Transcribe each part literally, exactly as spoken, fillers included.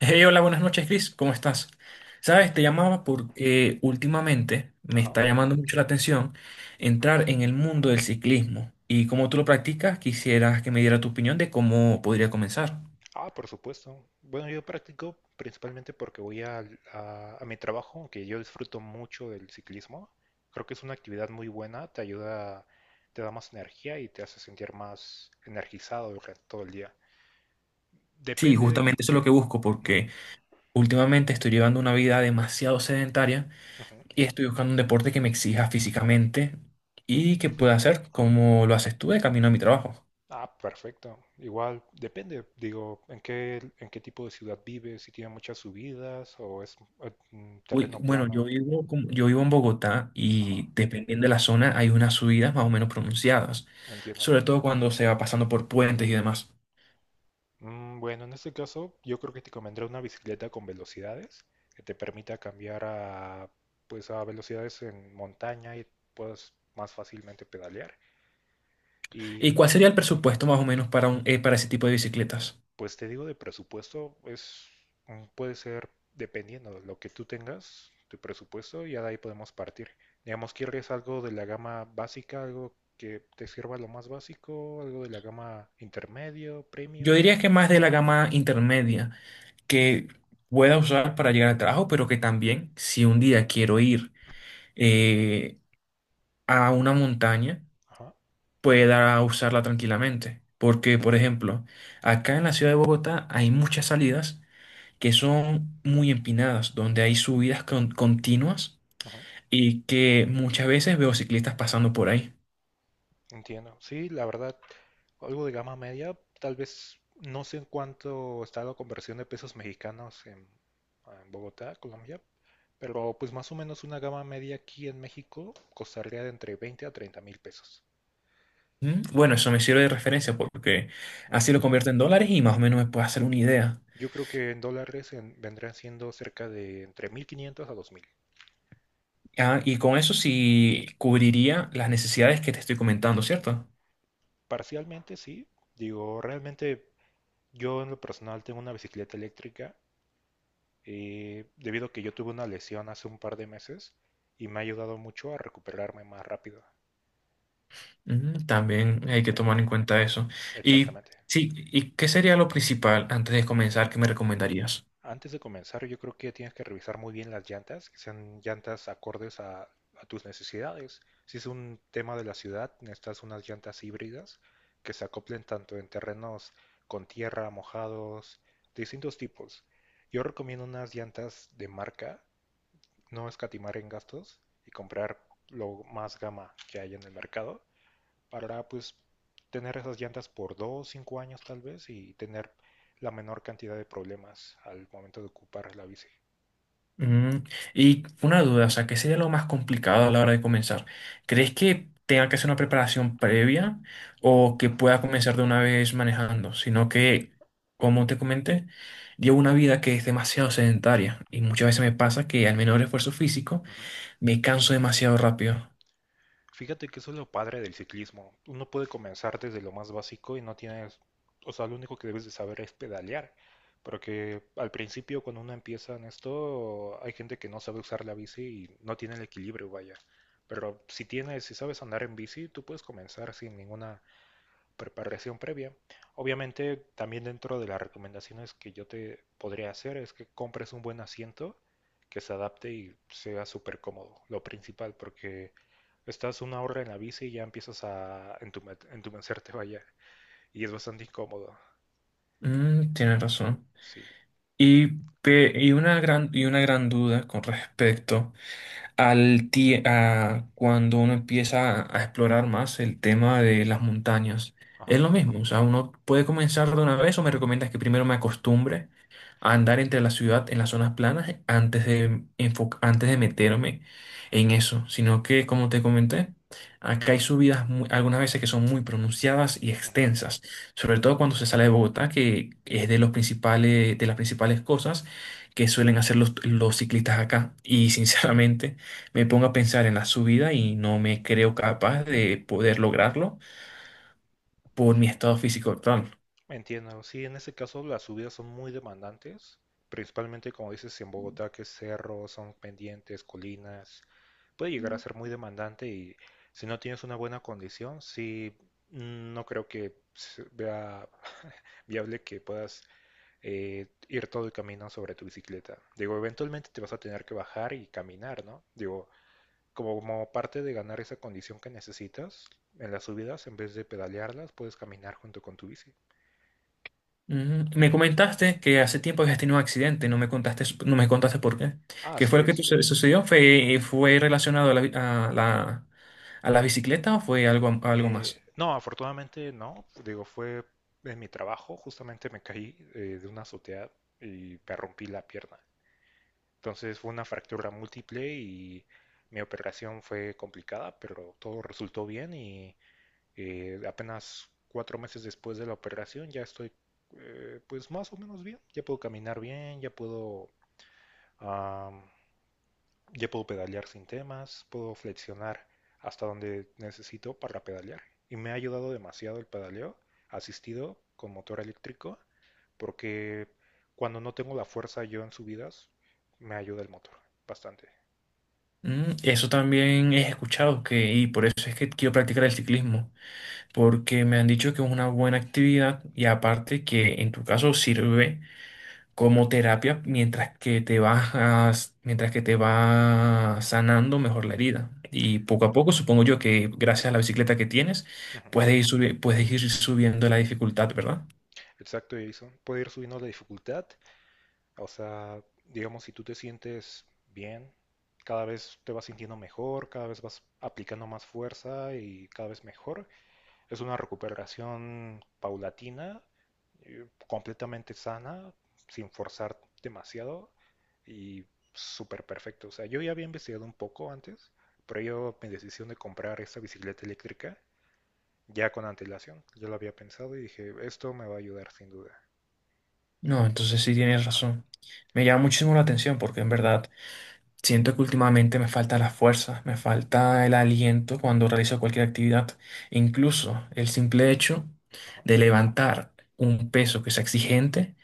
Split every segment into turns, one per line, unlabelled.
Hey, hola, buenas noches, Chris. ¿Cómo estás?
¿Qué
Sabes, te
tal?
llamaba porque últimamente me
Ajá.
está llamando mucho la atención entrar en el mundo del ciclismo. Y como tú lo practicas, quisieras que me diera tu opinión de cómo podría comenzar.
Ah, por supuesto. Bueno, yo practico principalmente porque voy al- a, a mi trabajo, que yo disfruto mucho del ciclismo. Creo que es una actividad muy buena, te ayuda, te da más energía y te hace sentir más energizado durante todo el día.
Sí,
Depende de...
justamente eso es lo que busco
Ujú,
porque últimamente estoy llevando una vida demasiado sedentaria
ujú.
y estoy buscando un deporte que me exija físicamente y que pueda hacer como lo haces tú de camino a mi trabajo.
Ah, perfecto. Igual, depende, digo, en qué, en qué tipo de ciudad vives, si tiene muchas subidas o es eh, mm,
Uy,
terreno
bueno, yo
plano.
vivo, como- yo vivo en Bogotá,
Ajá,
y dependiendo de la zona hay unas subidas más o menos pronunciadas,
entiendo.
sobre todo cuando se va pasando por puentes y demás.
Mm, Bueno, en este caso yo creo que te convendrá una bicicleta con velocidades que te permita cambiar a, pues, a velocidades en montaña y puedas más fácilmente pedalear.
¿Y cuál
Y
sería el presupuesto más o menos para, un, eh, para ese tipo de bicicletas?
pues te digo de presupuesto, es, mm, puede ser dependiendo de lo que tú tengas, tu presupuesto, y ya de ahí podemos partir. Digamos, ¿quieres algo de la gama básica, algo que te sirva lo más básico, algo de la gama intermedio,
Yo
premium?
diría que más de la gama intermedia, que pueda usar para llegar al trabajo, pero que también si un día quiero ir eh, a una montaña,
Ajá,
pueda usarla tranquilamente. Porque, por ejemplo, acá en la ciudad de Bogotá hay muchas salidas que son muy empinadas, donde hay subidas con- continuas,
ajá.
y que muchas veces veo ciclistas pasando por ahí.
Entiendo. Sí, la verdad, algo de gama media, tal vez no sé en cuánto está la conversión de pesos mexicanos en, en Bogotá, Colombia, pero pues más o menos una gama media aquí en México costaría de entre veinte a treinta mil pesos.
¿Mm? Bueno, eso me sirve de referencia porque
Ujú.
así lo convierto en dólares y más o menos me puedo hacer una idea.
Yo creo que en dólares en- vendrían siendo cerca de entre mil quinientos a dos mil.
Ah, y con eso sí cubriría las necesidades que te estoy comentando, ¿cierto?
Parcialmente sí, digo, realmente yo en lo personal tengo una bicicleta eléctrica eh, debido a que yo tuve una lesión hace un par de meses y me ha ayudado mucho a recuperarme más rápido.
Ujú. También hay que tomar
Eh,
en cuenta eso. Y
Exactamente.
sí, ¿y qué sería lo principal antes de comenzar que me recomendarías?
Antes de comenzar, yo creo que tienes que revisar muy bien las llantas, que sean llantas acordes a, a tus necesidades. Si es un tema de la ciudad, necesitas unas llantas híbridas que se acoplen tanto en terrenos con tierra, mojados, distintos tipos. Yo recomiendo unas llantas de marca, no escatimar en gastos y comprar lo más gama que hay en el mercado. para pues tener esas llantas por dos, cinco años tal vez y tener la menor cantidad de problemas al momento de ocupar la bici.
Mm, y una duda, o sea, ¿qué sería lo más complicado a la hora de comenzar? ¿Crees que tenga que hacer una preparación previa o que pueda comenzar de una vez manejando? Sino que, como te comenté, llevo una vida que es demasiado sedentaria, y muchas veces me pasa que al menor esfuerzo físico
Ujú.
me canso demasiado rápido.
Fíjate que eso es lo padre del ciclismo. Uno puede comenzar desde lo más básico y no tienes, o sea, lo único que debes de saber es pedalear. Porque al principio cuando uno empieza en esto, hay gente que no sabe usar la bici y no tiene el equilibrio, vaya. Pero si tienes, si sabes andar en bici, tú puedes comenzar sin ninguna preparación previa. Obviamente, también dentro de las recomendaciones que yo te podría hacer es que compres un buen asiento que se adapte y sea súper cómodo, lo principal, porque estás una hora en la bici y ya empiezas a entume- entumecerte, vaya, y es bastante incómodo.
Mm, tienes razón.
Sí,
Y, pe- y, una gran, y una gran duda con respecto al tie- a cuando uno empieza a explorar más el tema de las montañas.
ajá,
Es lo mismo, o sea, ¿uno puede comenzar de una vez o me recomiendas que primero me acostumbre a andar entre la ciudad en las zonas planas antes de enfo- antes de meterme en eso? Sino que como te comenté, acá hay subidas mu- algunas veces que son muy pronunciadas y
ujú.
extensas, sobre todo cuando se sale de Bogotá, que es de los principales de las principales cosas que suelen hacer los, los ciclistas acá. Y sinceramente, me pongo a pensar en la subida y no me creo capaz de poder lograrlo por mi estado físico actual.
Entiendo, sí, en ese caso las subidas son muy demandantes, principalmente como dices si en Bogotá, que es cerro, son pendientes, colinas, puede llegar a ser muy demandante y si no tienes una buena condición, sí, mm, no creo que se vea viable que puedas eh, ir todo el camino sobre tu bicicleta. Digo, eventualmente te vas a tener que bajar y caminar, ¿no? Digo, como parte de ganar esa condición que necesitas en las subidas, en vez de pedalearlas, puedes caminar junto con tu bici.
Ujú. Me comentaste que hace tiempo habías tenido un accidente, no me contaste, no me contaste por qué.
Ah,
¿Qué fue
sí,
lo que tu-
este.
sucedió? ¿Fue, fue relacionado a la, a la, a la bicicleta o fue algo, algo
Eh,
más?
no, afortunadamente no. Digo, fue en mi trabajo, justamente me caí eh, de una azotea y me rompí la pierna. Entonces fue una fractura múltiple y mi operación fue complicada, pero todo resultó bien y eh, apenas cuatro meses después de la operación ya estoy eh, pues más o menos bien. Ya puedo caminar bien, ya puedo ya puedo pedalear sin temas, puedo flexionar hasta donde necesito para pedalear. Y me ha ayudado demasiado el pedaleo asistido con motor eléctrico, porque cuando no tengo la fuerza yo en subidas, me ayuda el motor bastante.
Mm, eso también he escuchado que, y por eso es que quiero practicar el ciclismo, porque me han dicho que es una buena actividad, y aparte que en tu caso sirve como terapia mientras que te vas, mientras que te va sanando mejor la herida. Y poco a poco, supongo yo que gracias a la bicicleta que tienes,
Ujú.
puedes ir subi- puedes ir subiendo la dificultad, ¿verdad?
Exacto, Jason. Puede ir subiendo la dificultad. O sea, digamos, si tú te sientes bien, cada vez te vas sintiendo mejor, cada vez vas aplicando más fuerza y cada vez mejor. Es una recuperación paulatina, eh, completamente sana, sin forzar demasiado y súper perfecto. O sea, yo ya había investigado un poco antes, pero yo mi decisión de comprar esta bicicleta eléctrica ya con antelación, yo lo había pensado y dije, esto me va a ayudar sin duda.
No, entonces sí tienes
Ajá,
razón. Me llama muchísimo la atención porque en verdad siento que últimamente me falta la fuerza, me falta el aliento cuando realizo cualquier actividad. Incluso el simple hecho
ajá.
de levantar un peso que sea exigente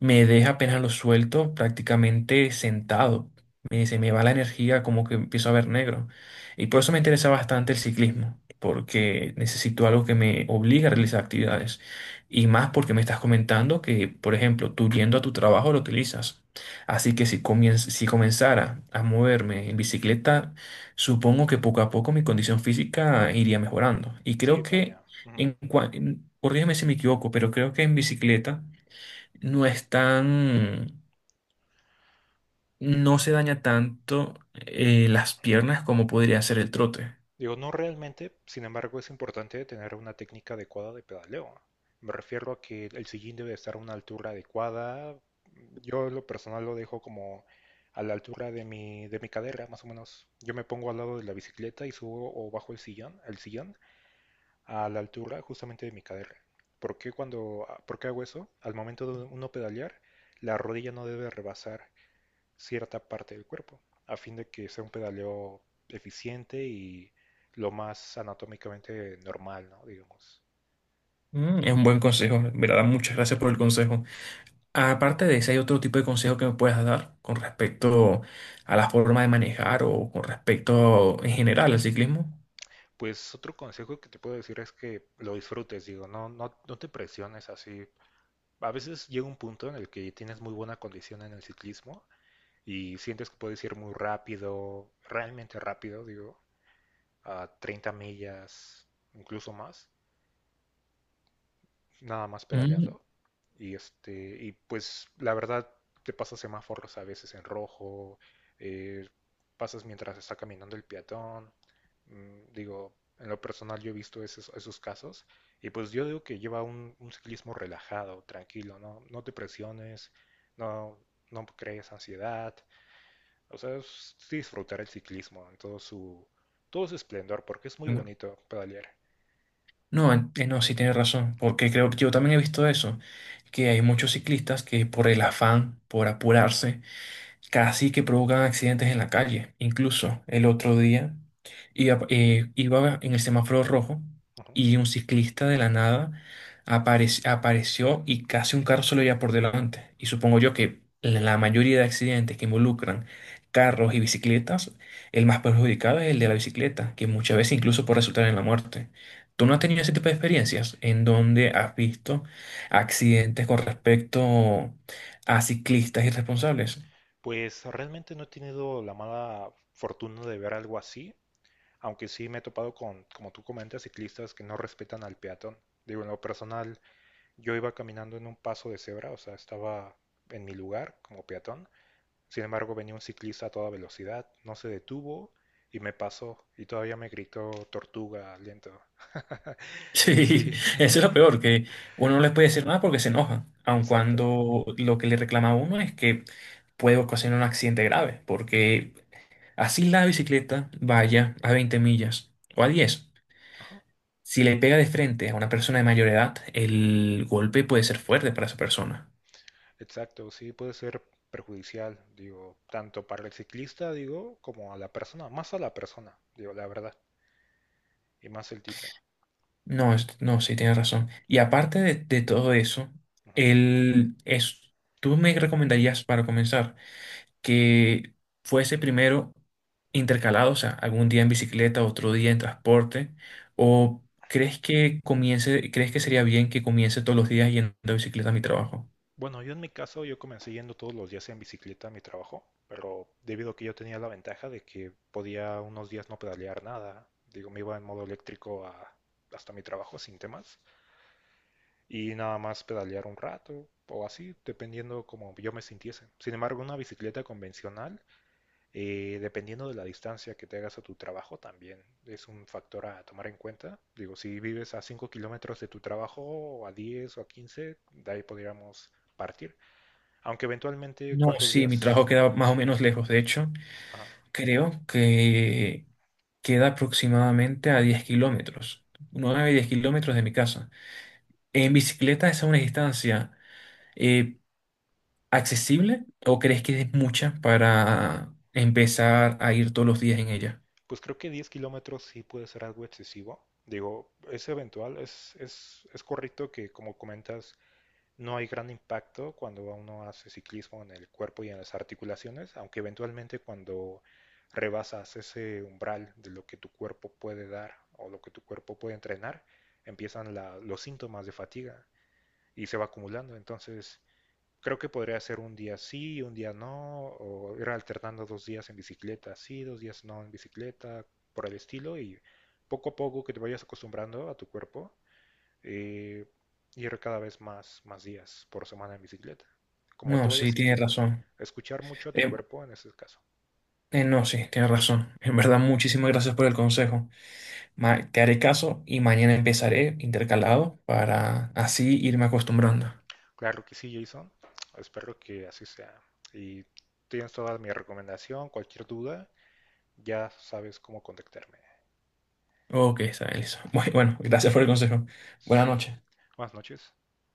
me deja, apenas lo suelto, prácticamente sentado. Me, se me va la energía, como que empiezo a ver negro. Y por eso me interesa bastante el ciclismo, porque necesito algo que me obligue a realizar actividades. Y más porque me estás comentando que, por ejemplo, tú yendo a tu trabajo lo utilizas. Así que si comien- si comenzara a moverme en bicicleta, supongo que poco a poco mi condición física iría mejorando. Y
Sí,
creo que,
vaya. ujú.
en, cua- en- corrígeme si me equivoco, pero creo que en bicicleta no es tan, no se daña tanto eh, las piernas como podría ser el trote.
Digo, no realmente, sin embargo, es importante tener una técnica adecuada de pedaleo. Me refiero a que el sillín debe estar a una altura adecuada. Yo en lo personal lo dejo como a la altura de mi, de mi cadera, más o menos. Yo me pongo al lado de la bicicleta y subo o bajo el sillón, el sillón a la altura justamente de mi cadera. ¿Por qué cuando, por qué hago eso? Al momento de uno pedalear, la rodilla no debe rebasar cierta parte del cuerpo, a fin de que sea un pedaleo eficiente y lo más anatómicamente normal, ¿no? Digamos.
Mm, es un buen consejo, en verdad, muchas gracias por el consejo. Aparte de ese, ¿hay otro tipo de consejo que me puedas dar con respecto a la forma de manejar o con respecto en general al ciclismo?
Pues otro consejo que te puedo decir es que lo disfrutes, digo, no, no, no te presiones así. A veces llega un punto en el que tienes muy buena condición en el ciclismo y sientes que puedes ir muy rápido, realmente rápido, digo, a treinta millas, incluso más. nada más
Mm.
pedaleando. Y este, y pues la verdad te pasas semáforos a veces en rojo, eh, pasas mientras está caminando el peatón. Mm, Digo, en lo personal yo he visto esos, esos casos. Y pues yo digo que lleva un, un ciclismo relajado, tranquilo, ¿no? No te presiones, no, no crees ansiedad. O sea, es sí disfrutar el ciclismo en todo su, todo su esplendor, porque es muy
No,
bonito pedalear.
no, en- eh, no, sí tienes razón, porque creo que yo también he visto eso, que hay muchos ciclistas que por el afán, por apurarse, casi que provocan accidentes en la calle. Incluso el otro día iba, eh, iba en el semáforo rojo
Ujú.
y un ciclista de la nada aparec- apareció, y casi un carro se lo lleva por delante. Y supongo yo que en la mayoría de accidentes que involucran carros y bicicletas, el más perjudicado es el de la bicicleta, que muchas veces incluso puede resultar en la muerte. ¿Tú no has tenido ese tipo de experiencias en donde has visto
Ujú.
accidentes con respecto a ciclistas irresponsables?
Pues realmente no he tenido la mala fortuna de ver algo así, aunque sí me he topado con, como tú comentas, ciclistas que no respetan al peatón. Digo, en lo personal, yo iba caminando en un paso de cebra, o sea, estaba en mi lugar como peatón. Sin embargo, venía un ciclista a toda velocidad, no se detuvo y me pasó y todavía me gritó tortuga, lento.
Sí,
Sí,
eso es lo peor, que uno no les puede decir nada porque se enojan, aun
exacto.
cuando lo que le reclama a uno es que puede ocasionar un accidente grave, porque así la bicicleta vaya a veinte millas o a diez,
Ajá.
si le pega de frente a una persona de mayor edad, el golpe puede ser fuerte para esa persona.
Exacto, sí puede ser perjudicial, digo, tanto para el ciclista, digo, como a la persona, más a la persona, digo, la verdad, y más el tipo.
No, es- no, sí, tienes razón. Y aparte de, de todo eso,
Ujú.
el, es, ¿tú me recomendarías para comenzar que fuese primero intercalado, o sea, algún día en bicicleta, otro día en transporte, o crees que comience, crees que sería bien que comience todos los días yendo de bicicleta a mi trabajo?
Bueno, yo en mi caso, yo comencé yendo todos los días en bicicleta a mi trabajo, pero debido a que yo tenía la ventaja de que podía unos días no pedalear nada, digo, me iba en modo eléctrico a- hasta mi trabajo sin temas, y nada más pedalear un rato o así, dependiendo como yo me sintiese. Sin embargo, una bicicleta convencional Eh, Dependiendo de la distancia que te hagas a tu trabajo, también es un factor a tomar en cuenta. Digo, si vives a cinco kilómetros de tu trabajo, o a diez o a quince, de ahí podríamos partir. Aunque eventualmente,
No,
¿cuántos
sí, mi trabajo
días?
queda más o menos lejos. De hecho,
Ajá.
creo que queda aproximadamente a diez kilómetros, nueve diez kilómetros de mi casa. ¿En bicicleta esa es una distancia eh, accesible, o crees que es mucha para empezar a ir todos los días en ella?
Pues creo que diez kilómetros sí puede ser algo excesivo. Digo, es eventual, es, es, es correcto que como comentas, No hay gran impacto cuando uno hace ciclismo en el cuerpo y en las articulaciones, aunque eventualmente cuando rebasas ese umbral de lo que tu cuerpo puede dar o lo que tu cuerpo puede entrenar, empiezan la- los síntomas de fatiga y se va acumulando. Entonces, creo que podría ser un día sí, un día no, o ir alternando dos días en bicicleta sí, dos días no en bicicleta, por el estilo, y poco a poco que te vayas acostumbrando a tu cuerpo eh, ir cada vez más, más días por semana en bicicleta, como te
No,
vayas
sí, tiene
sintiendo.
razón.
Escuchar mucho a tu
Eh,
cuerpo en ese caso.
eh, no, sí, tiene razón. En
Ujú.
verdad, muchísimas gracias por el consejo. Ma- te haré caso y mañana empezaré intercalado para así irme acostumbrando.
Claro que sí, Jason. Espero que así sea. Y tienes toda mi recomendación, cualquier duda, ya sabes cómo contactarme.
Ok, está bien, listo. Bueno, gracias por el consejo. Buenas
¿Sí?
noches.
Buenas noches.